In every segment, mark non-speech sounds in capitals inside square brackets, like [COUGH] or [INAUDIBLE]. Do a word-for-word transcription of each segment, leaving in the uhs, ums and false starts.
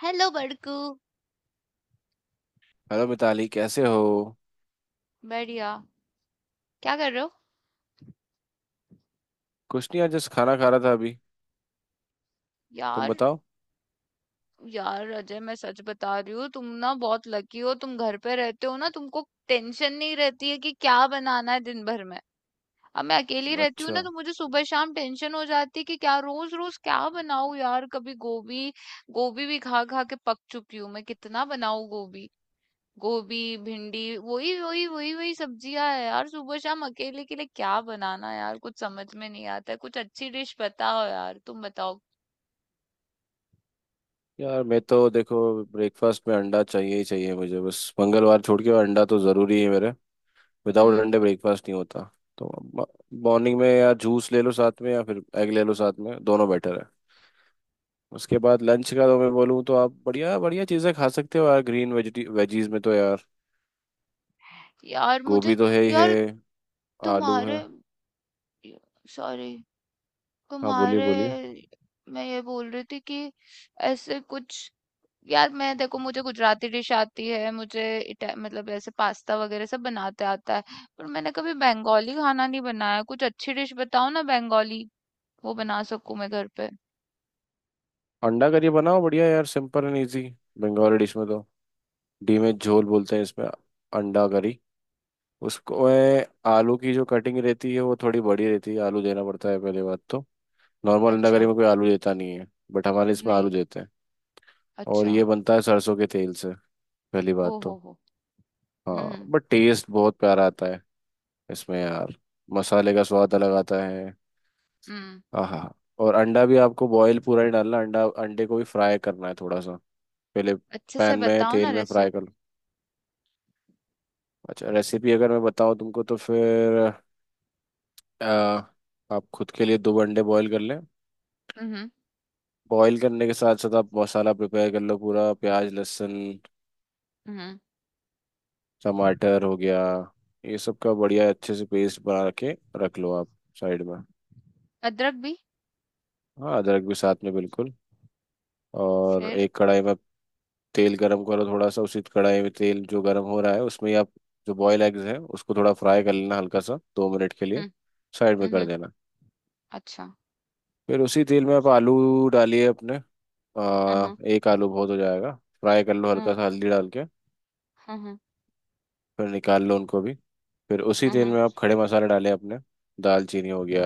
Hello Badku. Hello Mitali. कैसे हो? बढ़िया। क्या कर रहे हो कुछ नहीं यार, जस्ट खाना खा रहा था अभी। तुम यार? बताओ। यार अजय, मैं सच बता रही हूँ, तुम ना बहुत लकी हो। तुम घर पे रहते हो ना, तुमको टेंशन नहीं रहती है कि क्या बनाना है दिन भर में। अब मैं अकेली रहती हूँ अच्छा। ना, तो मुझे सुबह शाम टेंशन हो जाती है कि क्या, रोज रोज क्या बनाऊँ यार। कभी गोभी, गोभी भी खा खा के पक चुकी हूँ मैं। कितना बनाऊँ गोभी? गोभी, भिंडी, वही वही वही वही सब्जियां है यार। सुबह शाम अकेले के लिए क्या बनाना यार, कुछ समझ में नहीं आता है। कुछ अच्छी डिश बताओ यार, तुम बताओ। यार मैं तो देखो ब्रेकफास्ट में अंडा चाहिए ही चाहिए मुझे, बस मंगलवार छोड़ के। अंडा तो ज़रूरी है मेरे, विदाउट हम्म। अंडे ब्रेकफास्ट नहीं होता। तो मॉर्निंग में यार जूस ले लो साथ में, या फिर एग ले लो साथ में। दोनों बेटर है। उसके बाद लंच का तो मैं बोलूँ तो आप बढ़िया बढ़िया चीज़ें खा सकते हो यार। ग्रीन वेजिटी वेजीज में तो यार यार मुझे गोभी तो है ही है, यार आलू है। तुम्हारे सॉरी हाँ बोलिए तुम्हारे बोलिए। मैं ये बोल रही थी कि ऐसे कुछ यार मैं देखो, मुझे गुजराती डिश आती है। मुझे इटा मतलब ऐसे पास्ता वगैरह सब बनाते आता है। पर मैंने कभी बंगाली खाना नहीं बनाया। कुछ अच्छी डिश बताओ ना बंगाली, वो बना सकूं मैं घर पे। अंडा करी बनाओ, बढ़िया यार, simple and easy. Bengali dish में तो डी में झोल बोलते हैं इसमें, अंडा करी। उसको ए, आलू की जो कटिंग रहती है वो थोड़ी बड़ी रहती है। आलू देना पड़ता है पहली बात तो। नॉर्मल अंडा करी अच्छा। में कोई आलू देता नहीं है, बट हमारे इसमें आलू नहीं। देते हैं। और अच्छा। ये बनता है सरसों के तेल से, पहली ओ बात हो तो। हो। हुँ, हाँ हुँ। बट टेस्ट बहुत प्यारा आता है इसमें यार। मसाले का स्वाद अलग आता है। हुँ, हाँ। और अंडा भी आपको बॉयल पूरा ही डालना। अंडा, अंडे को भी फ्राई करना है थोड़ा सा पहले, अच्छे से पैन में बताओ ना तेल में फ्राई कर रेसिपी। लो। अच्छा रेसिपी अगर मैं बताऊँ तुमको तो फिर, अ, आप खुद के लिए दो अंडे बॉईल कर लें। हुँ, हुँ, बॉईल करने के साथ साथ आप मसाला प्रिपेयर कर लो पूरा। प्याज, लहसुन, हुँ। टमाटर हो गया, ये सब का बढ़िया अच्छे से पेस्ट बना के रख लो आप साइड में। अदरक भी? हाँ, अदरक भी साथ में, बिल्कुल। और फिर। एक कढ़ाई में तेल गरम करो थोड़ा सा। उसी कढ़ाई में तेल जो गरम हो रहा है उसमें ही आप जो बॉयल एग्स हैं उसको थोड़ा फ्राई कर लेना, हल्का सा दो मिनट के लिए। हुँ, साइड में हुँ, कर हुँ। देना। अच्छा। फिर उसी तेल में आप आलू डालिए अपने। हुँ, हुँ, अ, एक आलू बहुत हो जाएगा। फ्राई कर लो हुँ, हल्का सा हल्दी डाल के। हुँ, हुँ, फिर निकाल लो उनको भी। फिर उसी तेल हुँ, में आप खड़े मसाले डालें अपने। दालचीनी हो गया,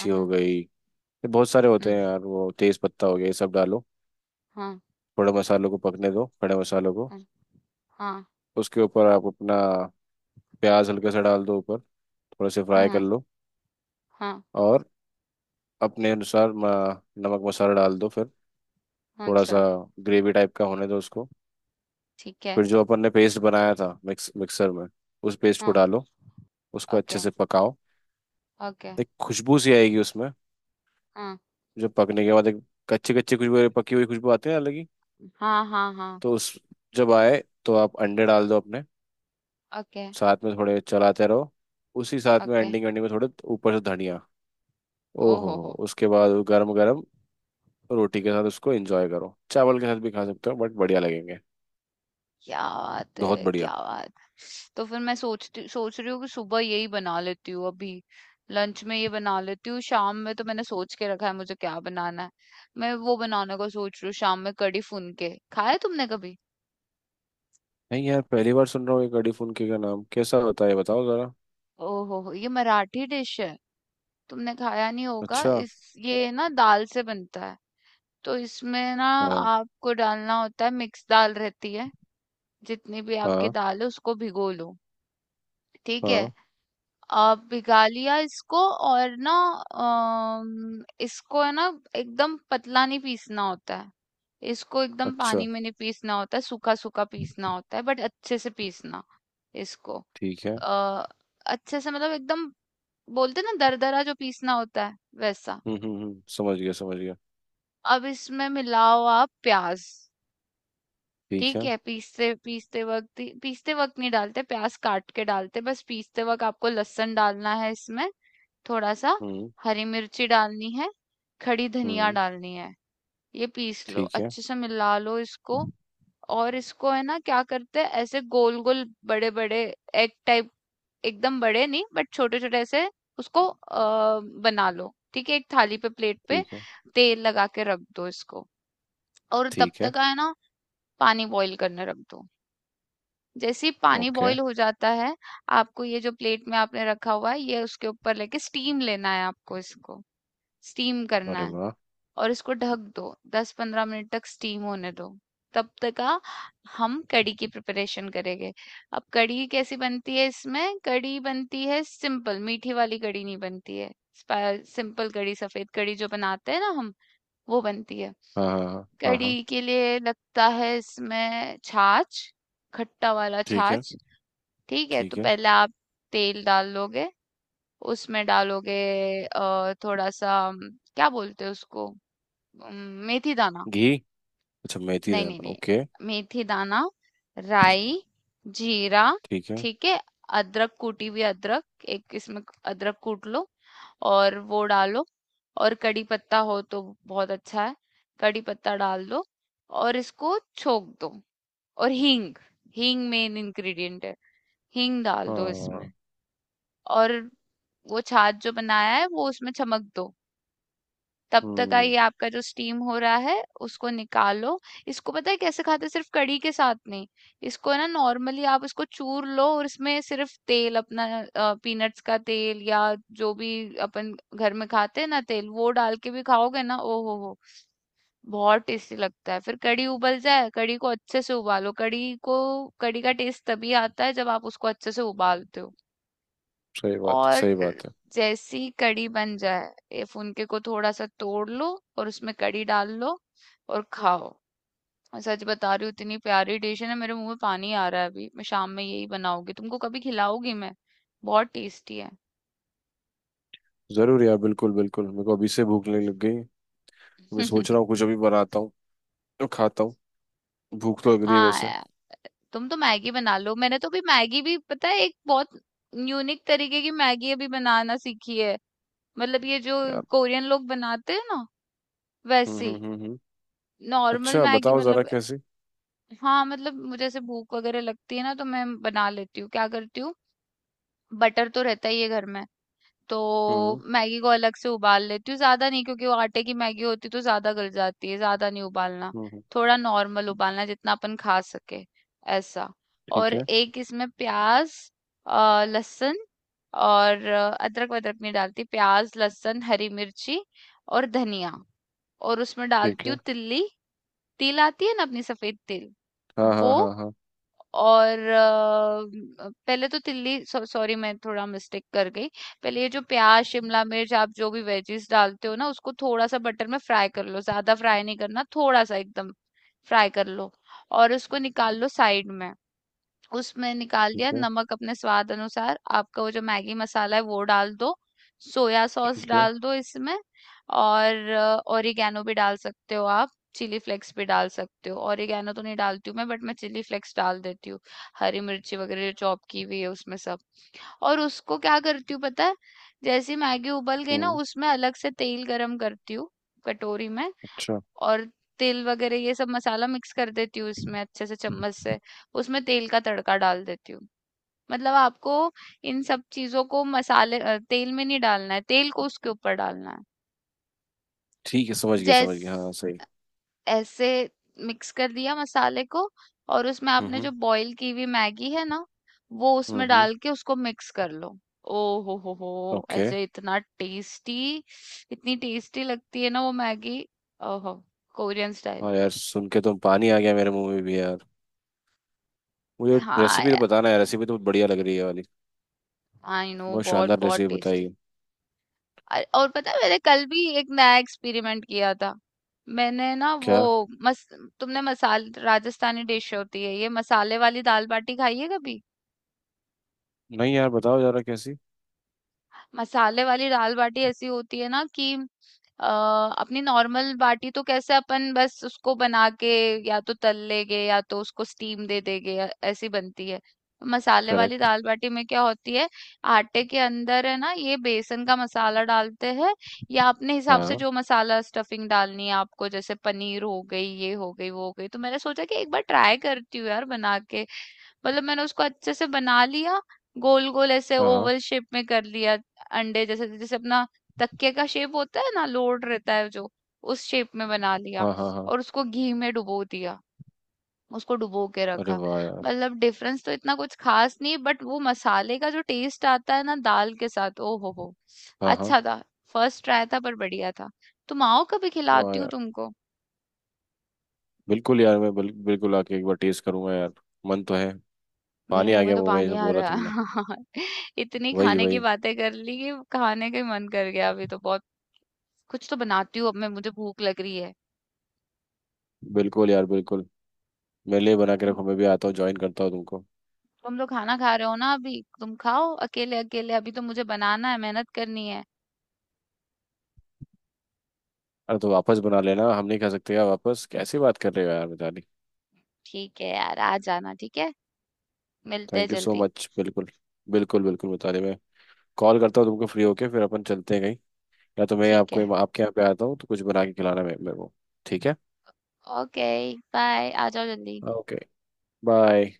हुँ, हो हुँ, गई, ये बहुत सारे होते हुँ। हैं यार, वो तेज पत्ता हो गया, ये सब डालो। हुँ, थोड़े मसालों को पकने दो, खड़े मसालों को। हाँ, हुँ। हाँ, उसके ऊपर आप अपना प्याज हल्के से डाल दो ऊपर, थोड़ा से हुँ, फ्राई कर हुँ। लो। हाँ। और अपने अनुसार म- नमक मसाला डाल दो फिर, थोड़ा सा अच्छा। ग्रेवी टाइप का होने दो उसको। ठीक है। फिर जो अपन ने पेस्ट बनाया था मिक्स मिक्सर में, उस पेस्ट को हाँ। डालो। उसको अच्छे ओके, से पकाओ। ओके। एक खुशबू सी आएगी उसमें, हाँ, जो पकने के बाद एक कच्ची कच्ची खुशबू, पकी हुई खुशबू आती है ना अलग ही। हाँ, हाँ, हाँ। तो उस, जब आए तो आप अंडे डाल दो अपने ओके, साथ में, थोड़े चलाते रहो। उसी साथ में ओके। एंडिंग एंडिंग में थोड़े ऊपर से धनिया। ओ ओहो हो हो, हो। उसके बाद वो गरम गरम रोटी के साथ उसको एंजॉय करो। चावल के साथ भी खा सकते हो बट बढ़िया लगेंगे। क्या बात बहुत है, बढ़िया। क्या बात। तो फिर मैं सोचती सोच रही हूँ कि सुबह यही बना लेती हूँ अभी। लंच में ये बना लेती हूँ, शाम में तो मैंने सोच के रखा है मुझे क्या बनाना है। मैं वो बनाने का सोच रही हूँ शाम में, कढ़ी फुनके। खाया तुमने कभी? नहीं यार पहली बार सुन रहा हूँ ये, कड़ी फुल्की का नाम कैसा होता है ये बताओ जरा। ओहो हो, ये मराठी डिश है। तुमने खाया नहीं होगा। अच्छा। इस ये ना दाल से बनता है। तो इसमें ना हाँ आपको डालना होता है, मिक्स दाल रहती है। जितनी भी आपकी हाँ दाल है उसको भिगो लो। ठीक है। हाँ। आ, भिगा लिया इसको। और ना अम, इसको है ना, एकदम पतला नहीं पीसना होता है। इसको एकदम अच्छा। पानी में नहीं पीसना होता है, सूखा सूखा पीसना होता है, बट अच्छे से पीसना इसको। ठीक है। आ, अच्छे से मतलब एकदम बोलते ना दरदरा जो पीसना होता है, वैसा। हम्म हम्म हम्म, समझ गया समझ गया। अब इसमें मिलाओ आप प्याज। ठीक ठीक है। है। पीसते पीसते वक्त ही- पीसते वक्त नहीं डालते, प्याज काट के डालते। बस पीसते वक्त आपको लहसुन डालना है इसमें, थोड़ा सा। हम्म हरी मिर्ची डालनी है। खड़ी धनिया हम्म। डालनी है। ये पीस लो, ठीक है। अच्छे से मिला लो इसको। और इसको है ना क्या करते हैं, ऐसे गोल गोल बड़े बड़े, एग टाइप, एकदम बड़े नहीं बट छोटे छोटे ऐसे। उसको अ, बना लो। ठीक है, एक थाली पे, प्लेट पे ठीक है। तेल लगा के रख दो इसको। और तब ठीक है। तक है ना, पानी बॉईल करने रख दो। जैसे ही पानी ओके। बॉईल हो जाता है, आपको ये जो प्लेट में आपने रखा हुआ है, ये उसके ऊपर लेके स्टीम लेना है आपको इसको। स्टीम करना अरे है। वाह। और इसको ढक दो। दस पंद्रह मिनट तक स्टीम होने दो। तब तक आ हम कड़ी की प्रिपरेशन करेंगे। अब कड़ी कैसी बनती है, इसमें कड़ी बनती है सिंपल, मीठी वाली कड़ी नहीं बनती है। स्पा- सिंपल कड़ी, सफेद कड़ी जो बनाते हैं ना हम, वो बनती है। हाँ हाँ हाँ हाँ हाँ। कड़ी के लिए लगता है इसमें छाछ, खट्टा वाला ठीक है। छाछ। ठीक है, तो ठीक है। पहले आप तेल डाल लोगे, उसमें डालोगे अ, थोड़ा सा, अम, क्या बोलते हैं उसको, अम, मेथी दाना। घी। अच्छा मेथी नहीं दाल, नहीं ओके। नहीं, मेथी दाना। राई। जीरा। ठीक है। ठीक है। अदरक, कूटी हुई अदरक एक इसमें, अदरक कूट लो और वो डालो। और कड़ी पत्ता हो तो बहुत अच्छा है, कड़ी पत्ता डाल दो। और इसको छोक दो। और हींग, हींग मेन इंग्रेडिएंट है। हींग डाल दो हाँ। इसमें। और वो छाछ जो बनाया है वो उसमें चमक दो। तब तक का हम्म। ये आपका जो स्टीम हो रहा है उसको निकालो। इसको पता है कैसे खाते हैं? सिर्फ़ कढ़ी के साथ नहीं, इसको ना नॉर्मली आप इसको चूर लो और इसमें सिर्फ़ तेल अपना, अ, पीनट्स का तेल या जो भी अपन घर में खाते हैं ना तेल, वो डाल के भी खाओगे ना, ओ हो हो! बहुत टेस्टी लगता है। फिर कढ़ी उबल जाए, कढ़ी को अच्छे से उबालो। कढ़ी को कढ़ी का टेस्ट तभी आता है जब आप उसको अच्छे से उबालते हो। सही बात है और सही बात है। जैसी कड़ी बन जाए, ये फुनके को थोड़ा सा तोड़ लो और उसमें कड़ी डाल लो और खाओ। मैं सच बता रही हूँ, इतनी प्यारी डिश है ना, मेरे मुंह में पानी आ रहा है अभी। मैं शाम में यही बनाऊंगी, तुमको कभी खिलाऊंगी मैं। बहुत टेस्टी है। जरूर यार, बिल्कुल बिल्कुल, मेरे को अभी से भूख लगने लग गई। मैं सोच रहा हूँ [LAUGHS] कुछ अभी बनाता हूँ तो खाता हूँ। भूख तो लग रही है हाँ वैसे। यार। तुम तो मैगी बना लो। मैंने तो भी मैगी भी पता है, एक बहुत यूनिक तरीके की मैगी अभी बनाना सीखी है। मतलब ये जो यार। कोरियन लोग बनाते हैं ना, हम्म वैसी। हम्म हम्म हम्म। नॉर्मल अच्छा मैगी बताओ जरा मतलब। कैसी। हाँ मतलब मुझे जैसे भूख वगैरह लगती है ना, तो मैं बना लेती हूँ। क्या करती हूँ, बटर तो रहता ही है घर में, तो हम्म मैगी को अलग से उबाल लेती हूँ, ज्यादा नहीं, क्योंकि वो आटे की मैगी होती तो ज्यादा गल जाती है। ज्यादा नहीं उबालना, हम्म हम्म। थोड़ा नॉर्मल उबालना, जितना अपन खा सके, ऐसा। और ठीक है। एक इसमें प्याज, अ, लहसुन, और अ, अदरक वदरक नहीं डालती, प्याज लहसुन हरी मिर्ची और धनिया। और उसमें ठीक डालती है। हूँ तिल्ली। तिल आती है ना अपनी, सफेद तिल, हाँ हाँ वो। हाँ हाँ। और अ, पहले तो तिल्ली सॉ- सॉरी, मैं थोड़ा मिस्टेक कर गई। पहले ये जो प्याज, शिमला मिर्च, आप जो भी वेजीज डालते हो ना, उसको थोड़ा सा बटर में फ्राई कर लो, ज्यादा फ्राई नहीं करना, थोड़ा सा एकदम फ्राई कर लो और उसको निकाल लो साइड में। उसमें निकाल ठीक दिया है। नमक अपने स्वाद अनुसार, आपका वो जो मैगी मसाला है वो डाल दो। सोया सॉस ठीक है। डाल दो इसमें। और ओरिगैनो भी डाल सकते हो आप, चिली फ्लेक्स भी डाल सकते हो। ओरिगैनो तो नहीं डालती हूँ मैं, बट मैं चिली फ्लेक्स डाल देती हूँ, हरी मिर्ची वगैरह जो चॉप की हुई है उसमें सब। और उसको क्या करती हूँ पता है, जैसी मैगी उबल गई ना, हम्म। उसमें अलग से तेल गरम करती हूँ कटोरी में। अच्छा। और तिल वगैरह ये सब मसाला मिक्स कर देती हूँ उसमें अच्छे से चम्मच से। उसमें तेल का तड़का डाल देती हूँ। मतलब आपको इन सब चीजों को मसाले, अ, तेल में नहीं डालना है, तेल को उसके ऊपर डालना है। ठीक है, समझ गया जैस समझ गया, हाँ सही। ऐसे मिक्स कर दिया मसाले को। और उसमें आपने हम्म जो बॉईल की हुई मैगी है ना वो हम्म उसमें हम्म। डाल के उसको मिक्स कर लो। ओ हो हो हो ओके। ऐसे इतना टेस्टी, इतनी टेस्टी लगती है ना वो मैगी, ओहो, कोरियन स्टाइल। हाँ यार सुन के तो पानी आ गया मेरे मुंह में भी यार। मुझे हाँ, रेसिपी तो बताना यार, रेसिपी तो बहुत बढ़िया लग रही है ये वाली। आई नो, बहुत बहुत शानदार बहुत रेसिपी बताई टेस्टी। है। और पता है मैंने कल भी एक नया एक्सपेरिमेंट किया था। मैंने ना वो क्या? मस तुमने मसाल राजस्थानी डिश होती है ये मसाले वाली दाल बाटी, खाई है कभी? नहीं यार बताओ जरा कैसी। मसाले वाली दाल बाटी ऐसी होती है ना कि अ, अपनी नॉर्मल बाटी तो कैसे अपन बस उसको बना के या तो तल लेंगे या तो उसको स्टीम दे देंगे या- ऐसी बनती है। मसाले वाली करेक्ट। दाल बाटी में क्या होती है, आटे के अंदर है ना ये बेसन का मसाला डालते हैं, या अपने हिसाब से हाँ जो मसाला स्टफिंग डालनी है आपको, जैसे पनीर हो गई, ये हो गई, वो हो गई। तो मैंने सोचा कि एक बार ट्राई करती हूँ यार बना के। मतलब मैंने उसको अच्छे से बना लिया, गोल-गोल ऐसे हाँ हाँ ओवल शेप में कर लिया, अंडे जैसे, जैसे अपना तकिए का शेप होता है ना, लोड रहता है जो, उस शेप में बना लिया हाँ हाँ हाँ। और उसको घी में डुबो दिया। उसको डुबो के अरे रखा। वाह यार। मतलब डिफरेंस तो इतना कुछ खास नहीं, बट वो मसाले का जो टेस्ट आता है ना दाल के साथ, ओ हो हो! हाँ हाँ। अच्छा था। फर्स्ट ट्राई था पर बढ़िया था। तुम आओ, कभी वाह खिलाती हूँ यार। तुमको। बिल्कुल यार मैं बिल, बिल्कुल आके एक बार टेस्ट करूंगा यार। मन तो है। मेरे पानी आ मुंह में गया तो मुंह में ये पानी सब आ बोला रहा तुमने। है। [LAUGHS] इतनी वही खाने की वही। बातें कर ली कि खाने का ही मन कर गया अभी। तो बहुत कुछ तो बनाती हूँ अब मैं, मुझे भूख लग रही है। बिल्कुल यार बिल्कुल। मेरे लिए बना के तुम रखो, मैं भी आता हूँ ज्वाइन करता हूँ तुमको। तुम तो खाना खा रहे हो ना अभी, तुम खाओ अकेले अकेले। अभी तो मुझे बनाना है, मेहनत करनी है। अरे तो वापस बना लेना, हम नहीं खा सकते यार? वापस कैसी बात कर रहे हो यार मिताली। ठीक है यार, आ जाना। ठीक है। मिलते हैं थैंक यू सो जल्दी। मच। बिल्कुल बिल्कुल बिल्कुल मिताली। मैं कॉल करता हूँ तुमको फ्री होके, फिर अपन चलते हैं कहीं। या तो मैं ठीक है। आपको आपके यहाँ पे आता हूँ तो कुछ बना के खिलाना मेरे मेरे को। ठीक है। ओके। बाय, आ जाओ जल्दी। ओके। बाय।